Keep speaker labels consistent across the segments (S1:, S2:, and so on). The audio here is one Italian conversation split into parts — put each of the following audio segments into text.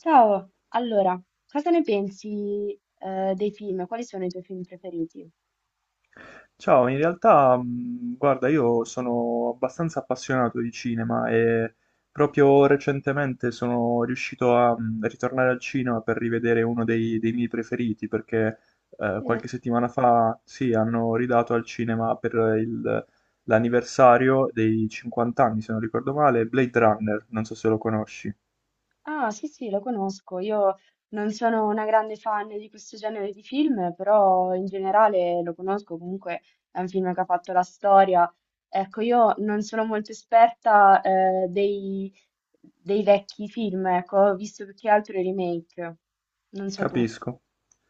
S1: Ciao, allora, cosa ne pensi, dei film? Quali sono i tuoi film preferiti?
S2: Ciao, in realtà, guarda, io sono abbastanza appassionato di cinema e proprio recentemente sono riuscito a ritornare al cinema per rivedere uno dei miei preferiti, perché
S1: Sì.
S2: qualche settimana fa, sì, hanno ridato al cinema per il- l'anniversario dei 50 anni, se non ricordo male, Blade Runner, non so se lo conosci.
S1: Ah, sì, sì, lo conosco. Io non sono una grande fan di questo genere di film, però in generale lo conosco. Comunque è un film che ha fatto la storia. Ecco, io non sono molto esperta, dei vecchi film, ecco, ho visto più che altro i remake. Non so tu.
S2: Capisco.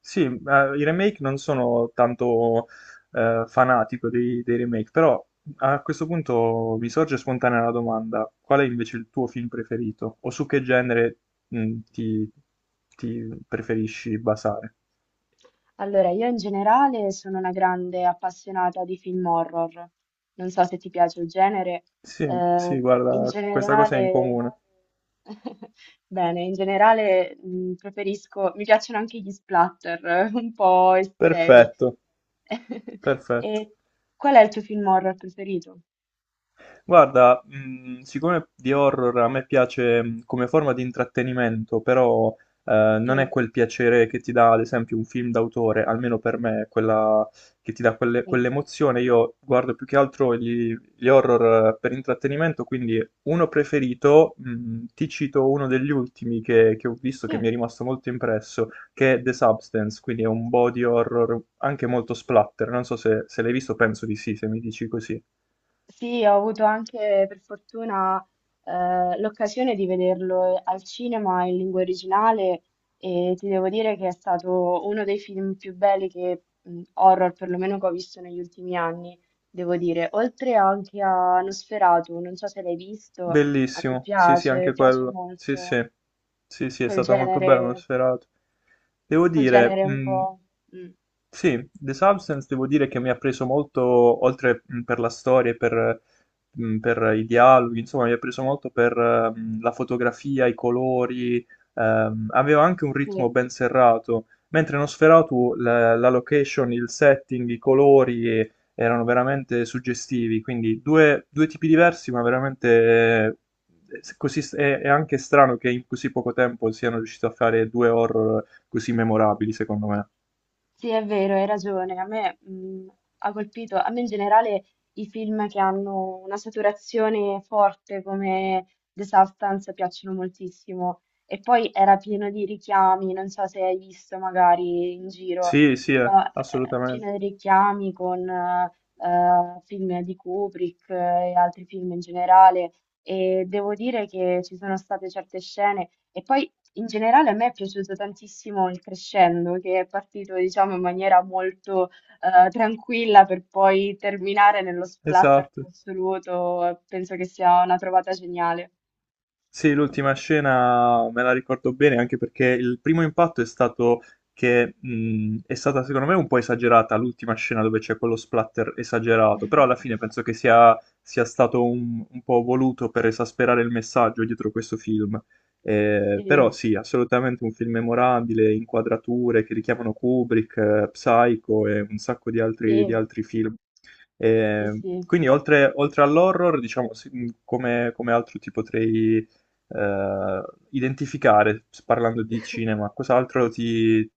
S2: Sì, i remake non sono tanto fanatico dei remake, però a questo punto mi sorge spontanea la domanda: qual è invece il tuo film preferito? O su che genere mh, ti, ti preferisci basare?
S1: Allora, io in generale sono una grande appassionata di film horror. Non so se ti piace il genere.
S2: Sì, sì,
S1: eh, in
S2: guarda, questa cosa è in
S1: generale,
S2: comune.
S1: bene, in generale preferisco, mi piacciono anche gli splatter, un po' estremi.
S2: Perfetto, perfetto.
S1: E qual è il tuo film horror preferito?
S2: Guarda, siccome di horror a me piace come forma di intrattenimento, però
S1: Sì,
S2: non è quel piacere che ti dà, ad esempio, un film d'autore, almeno per me, quella che ti dà
S1: sì,
S2: quell'emozione. Io guardo più che altro gli horror per intrattenimento, quindi uno preferito, ti cito uno degli ultimi che ho visto, che mi è
S1: sì.
S2: rimasto molto impresso, che è The Substance, quindi è un body horror anche molto splatter. Non so se se l'hai visto, penso di sì, se mi dici così.
S1: Sì, ho avuto anche per fortuna l'occasione di vederlo al cinema in lingua originale e ti devo dire che è stato uno dei film più belli che, horror perlomeno che ho visto negli ultimi anni, devo dire. Oltre anche a Nosferatu, non so se l'hai visto, a me
S2: Bellissimo, sì sì
S1: piace,
S2: anche
S1: piace
S2: quello, sì
S1: molto
S2: sì, sì sì è
S1: quel
S2: stata molto bella, uno
S1: genere,
S2: sferato. Devo
S1: quel
S2: dire,
S1: genere un po'. Mm,
S2: sì, The Substance devo dire che mi ha preso molto, oltre per la storia e per i dialoghi, insomma, mi ha preso molto per la fotografia, i colori, aveva anche un
S1: sì.
S2: ritmo ben serrato, mentre in Nosferatu la location, il setting, i colori erano veramente suggestivi, quindi due tipi diversi, ma veramente così, è anche strano che in così poco tempo siano riusciti a fare due horror così memorabili, secondo me.
S1: Sì, è vero, hai ragione. A me, ha colpito, a me in generale i film che hanno una saturazione forte come The Substance piacciono moltissimo. E poi era pieno di richiami, non so se hai visto magari in giro,
S2: Sì, sì,
S1: però pieno
S2: assolutamente.
S1: di richiami con film di Kubrick e altri film in generale. E devo dire che ci sono state certe scene. E poi in generale a me è piaciuto tantissimo il crescendo, che è partito, diciamo, in maniera molto tranquilla per poi terminare nello splatter più
S2: Esatto.
S1: assoluto. Penso che sia una trovata geniale.
S2: Sì, l'ultima scena me la ricordo bene anche perché il primo impatto è stato che è stata secondo me un po' esagerata l'ultima scena dove c'è quello splatter esagerato, però alla fine penso che sia stato un po' voluto per esasperare il messaggio dietro questo film. Però
S1: Sì,
S2: sì, assolutamente un film memorabile, inquadrature che richiamano Kubrick, Psycho e un sacco di di
S1: sì,
S2: altri film.
S1: sì,
S2: Eh,
S1: sì.
S2: quindi oltre all'horror, diciamo, sì, come altro ti potrei eh, identificare, parlando di cinema,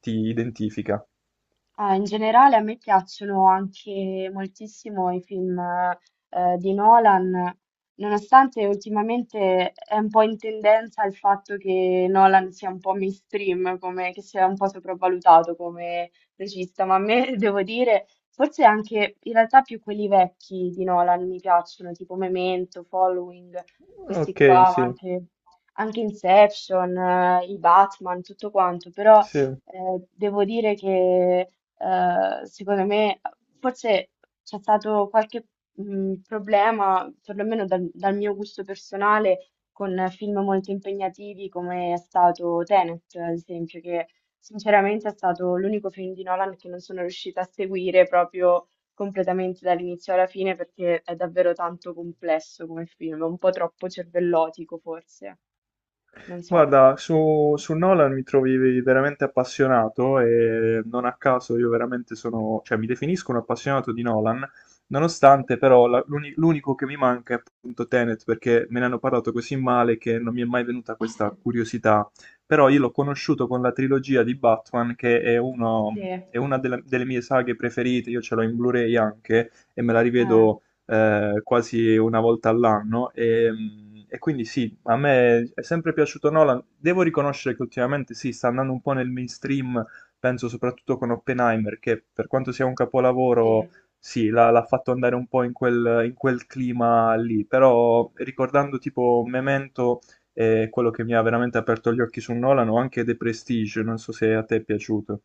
S2: ti identifica?
S1: Ah, in generale a me piacciono anche moltissimo i film di Nolan, nonostante ultimamente è un po' in tendenza il fatto che Nolan sia un po' mainstream, come, che sia un po' sopravvalutato come regista, ma a me devo dire, forse anche in realtà più quelli vecchi di Nolan mi piacciono, tipo Memento, Following, questi
S2: Ok,
S1: qua, ma
S2: sì,
S1: anche Inception, i Batman, tutto quanto, però
S2: sì.
S1: devo dire che secondo me forse c'è stato qualche problema, perlomeno dal mio gusto personale, con film molto impegnativi come è stato Tenet, ad esempio, che sinceramente è stato l'unico film di Nolan che non sono riuscita a seguire proprio completamente dall'inizio alla fine perché è davvero tanto complesso come film, un po' troppo cervellotico forse, non so.
S2: Guarda, su Nolan mi trovi veramente appassionato e non a caso io veramente sono, cioè mi definisco un appassionato di Nolan, nonostante però l'unico che mi manca è appunto Tenet perché me ne hanno parlato così male che non mi è mai venuta questa curiosità, però io l'ho conosciuto con la trilogia di Batman che è,
S1: Sì,
S2: è una delle mie saghe preferite, io ce l'ho in Blu-ray anche e me la
S1: eh,
S2: rivedo quasi una volta all'anno. E quindi sì, a me è sempre piaciuto Nolan. Devo riconoscere che ultimamente sì, sta andando un po' nel mainstream, penso soprattutto con Oppenheimer, che per quanto sia un
S1: sì.
S2: capolavoro, sì, l'ha fatto andare un po' in in quel clima lì. Però ricordando tipo Memento, quello che mi ha veramente aperto gli occhi su Nolan, o anche The Prestige, non so se a te è piaciuto.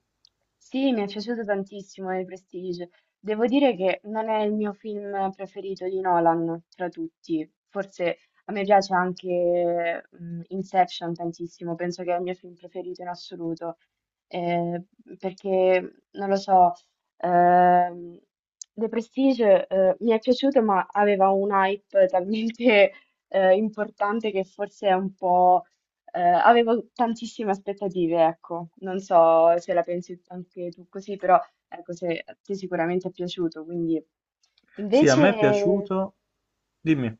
S1: Sì, mi è piaciuto tantissimo il Prestige. Devo dire che non è il mio film preferito di Nolan tra tutti. Forse a me piace anche Inception tantissimo, penso che è il mio film preferito in assoluto. Eh, perché non lo so, ehm, The Prestige mi è piaciuto, ma aveva un hype talmente importante che forse è un po'. Avevo tantissime aspettative, ecco, non so se la pensi anche tu così, però ecco, se a te sicuramente è piaciuto, quindi
S2: Sì, a me è
S1: invece,
S2: piaciuto. Dimmi.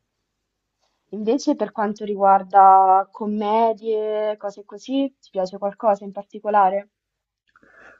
S1: invece per quanto riguarda commedie, cose così, ti piace qualcosa in particolare?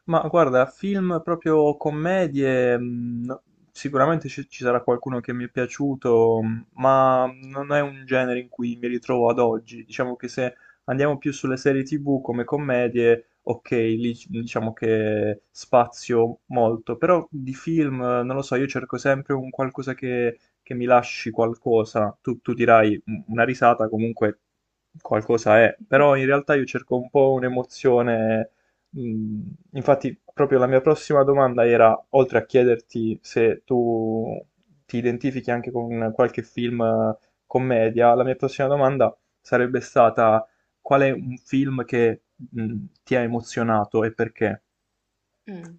S2: Ma guarda, film proprio commedie, sicuramente ci sarà qualcuno che mi è piaciuto, ma non è un genere in cui mi ritrovo ad oggi. Diciamo che se andiamo più sulle serie TV come commedie, ok, diciamo che spazio molto, però di film, non lo so, io cerco sempre un qualcosa che mi lasci qualcosa. Tu dirai "Mm, una risata, comunque qualcosa è, però in realtà io cerco un po' un'emozione Mm, Infatti, proprio la mia prossima domanda era, oltre a chiederti se tu ti identifichi anche con qualche film commedia, la mia prossima domanda sarebbe stata qual è un film che ti ha emozionato e perché?
S1: Mm.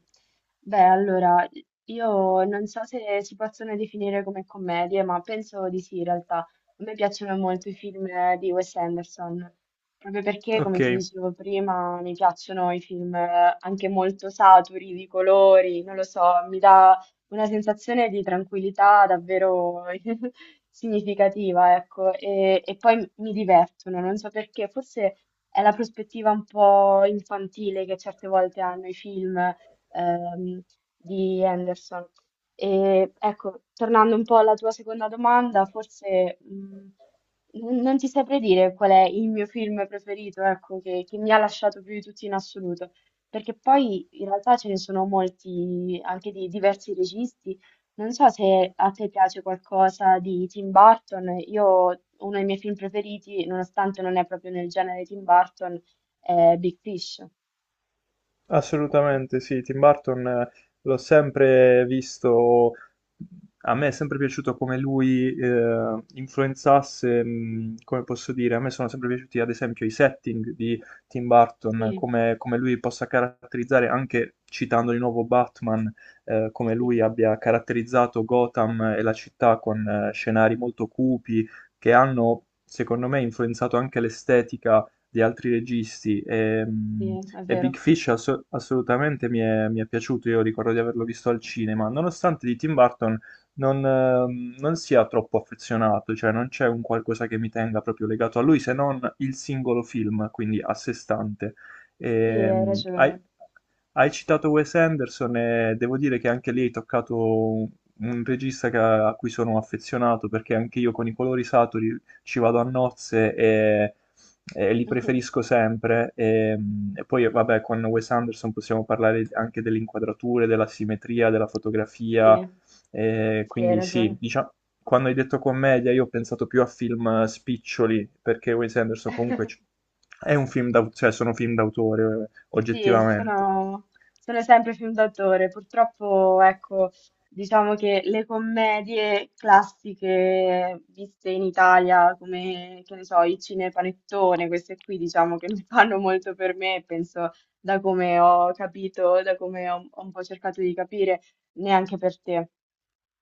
S1: Beh, allora, io non so se si possono definire come commedie, ma penso di sì, in realtà. A me piacciono molto i film di Wes Anderson, proprio perché, come
S2: Ok.
S1: ti dicevo prima, mi piacciono i film anche molto saturi di colori, non lo so, mi dà una sensazione di tranquillità davvero significativa, ecco, e poi mi divertono, non so perché, forse è la prospettiva un po' infantile che certe volte hanno i film ehm, di Henderson. E ecco, tornando un po' alla tua seconda domanda, forse non ti saprei dire qual è il mio film preferito, ecco, che mi ha lasciato più di tutti in assoluto, perché poi in realtà ce ne sono molti, anche di diversi registi. Non so se a te piace qualcosa di Tim Burton, io uno dei miei film preferiti, nonostante non è proprio nel genere Tim Burton, è Big Fish.
S2: Assolutamente sì, Tim Burton l'ho sempre visto, a me è sempre piaciuto come lui influenzasse, come posso dire, a me sono sempre piaciuti ad esempio i setting di Tim Burton,
S1: Sì,
S2: come lui possa caratterizzare, anche citando di nuovo Batman, come lui
S1: sì.
S2: abbia caratterizzato Gotham e la città con scenari molto cupi che hanno, secondo me, influenzato anche l'estetica di altri registi
S1: Sì, è
S2: e
S1: vero.
S2: Big Fish assolutamente mi è piaciuto, io ricordo di averlo visto al cinema, nonostante di Tim Burton non sia troppo affezionato, cioè non c'è un qualcosa che mi tenga proprio legato a lui se non il singolo film, quindi a sé stante.
S1: Sì, hai
S2: Ehm, hai,
S1: ragione.
S2: Hai citato Wes Anderson e devo dire che anche lì hai toccato un un regista a cui sono affezionato perché anche io con i colori saturi ci vado a nozze e li preferisco sempre. E poi, vabbè, con Wes Anderson possiamo parlare anche delle inquadrature, della simmetria, della
S1: Sì,
S2: fotografia.
S1: sì, hai
S2: Quindi sì,
S1: ragione.
S2: diciamo, quando hai detto commedia, io ho pensato più a film spiccioli, perché Wes Anderson è un film d'autore, cioè sono film d'autore,
S1: Sì,
S2: oggettivamente.
S1: sono sempre film d'autore. Purtroppo, ecco, diciamo che le commedie classiche viste in Italia, come, che ne so, i cinepanettone, queste qui, diciamo che non fanno molto per me, penso, da come ho capito, da come ho un po' cercato di capire, neanche per te.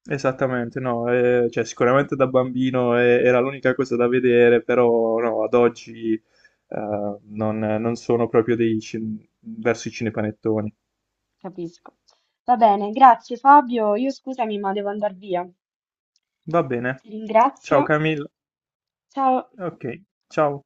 S2: Esattamente, no, cioè, sicuramente da bambino era l'unica cosa da vedere, però no, ad oggi non sono proprio verso i cinepanettoni.
S1: Capisco. Va bene, grazie Fabio. Io scusami, ma devo andare via.
S2: Va bene,
S1: Ti ringrazio.
S2: ciao Camille,
S1: Ciao.
S2: ok, ciao.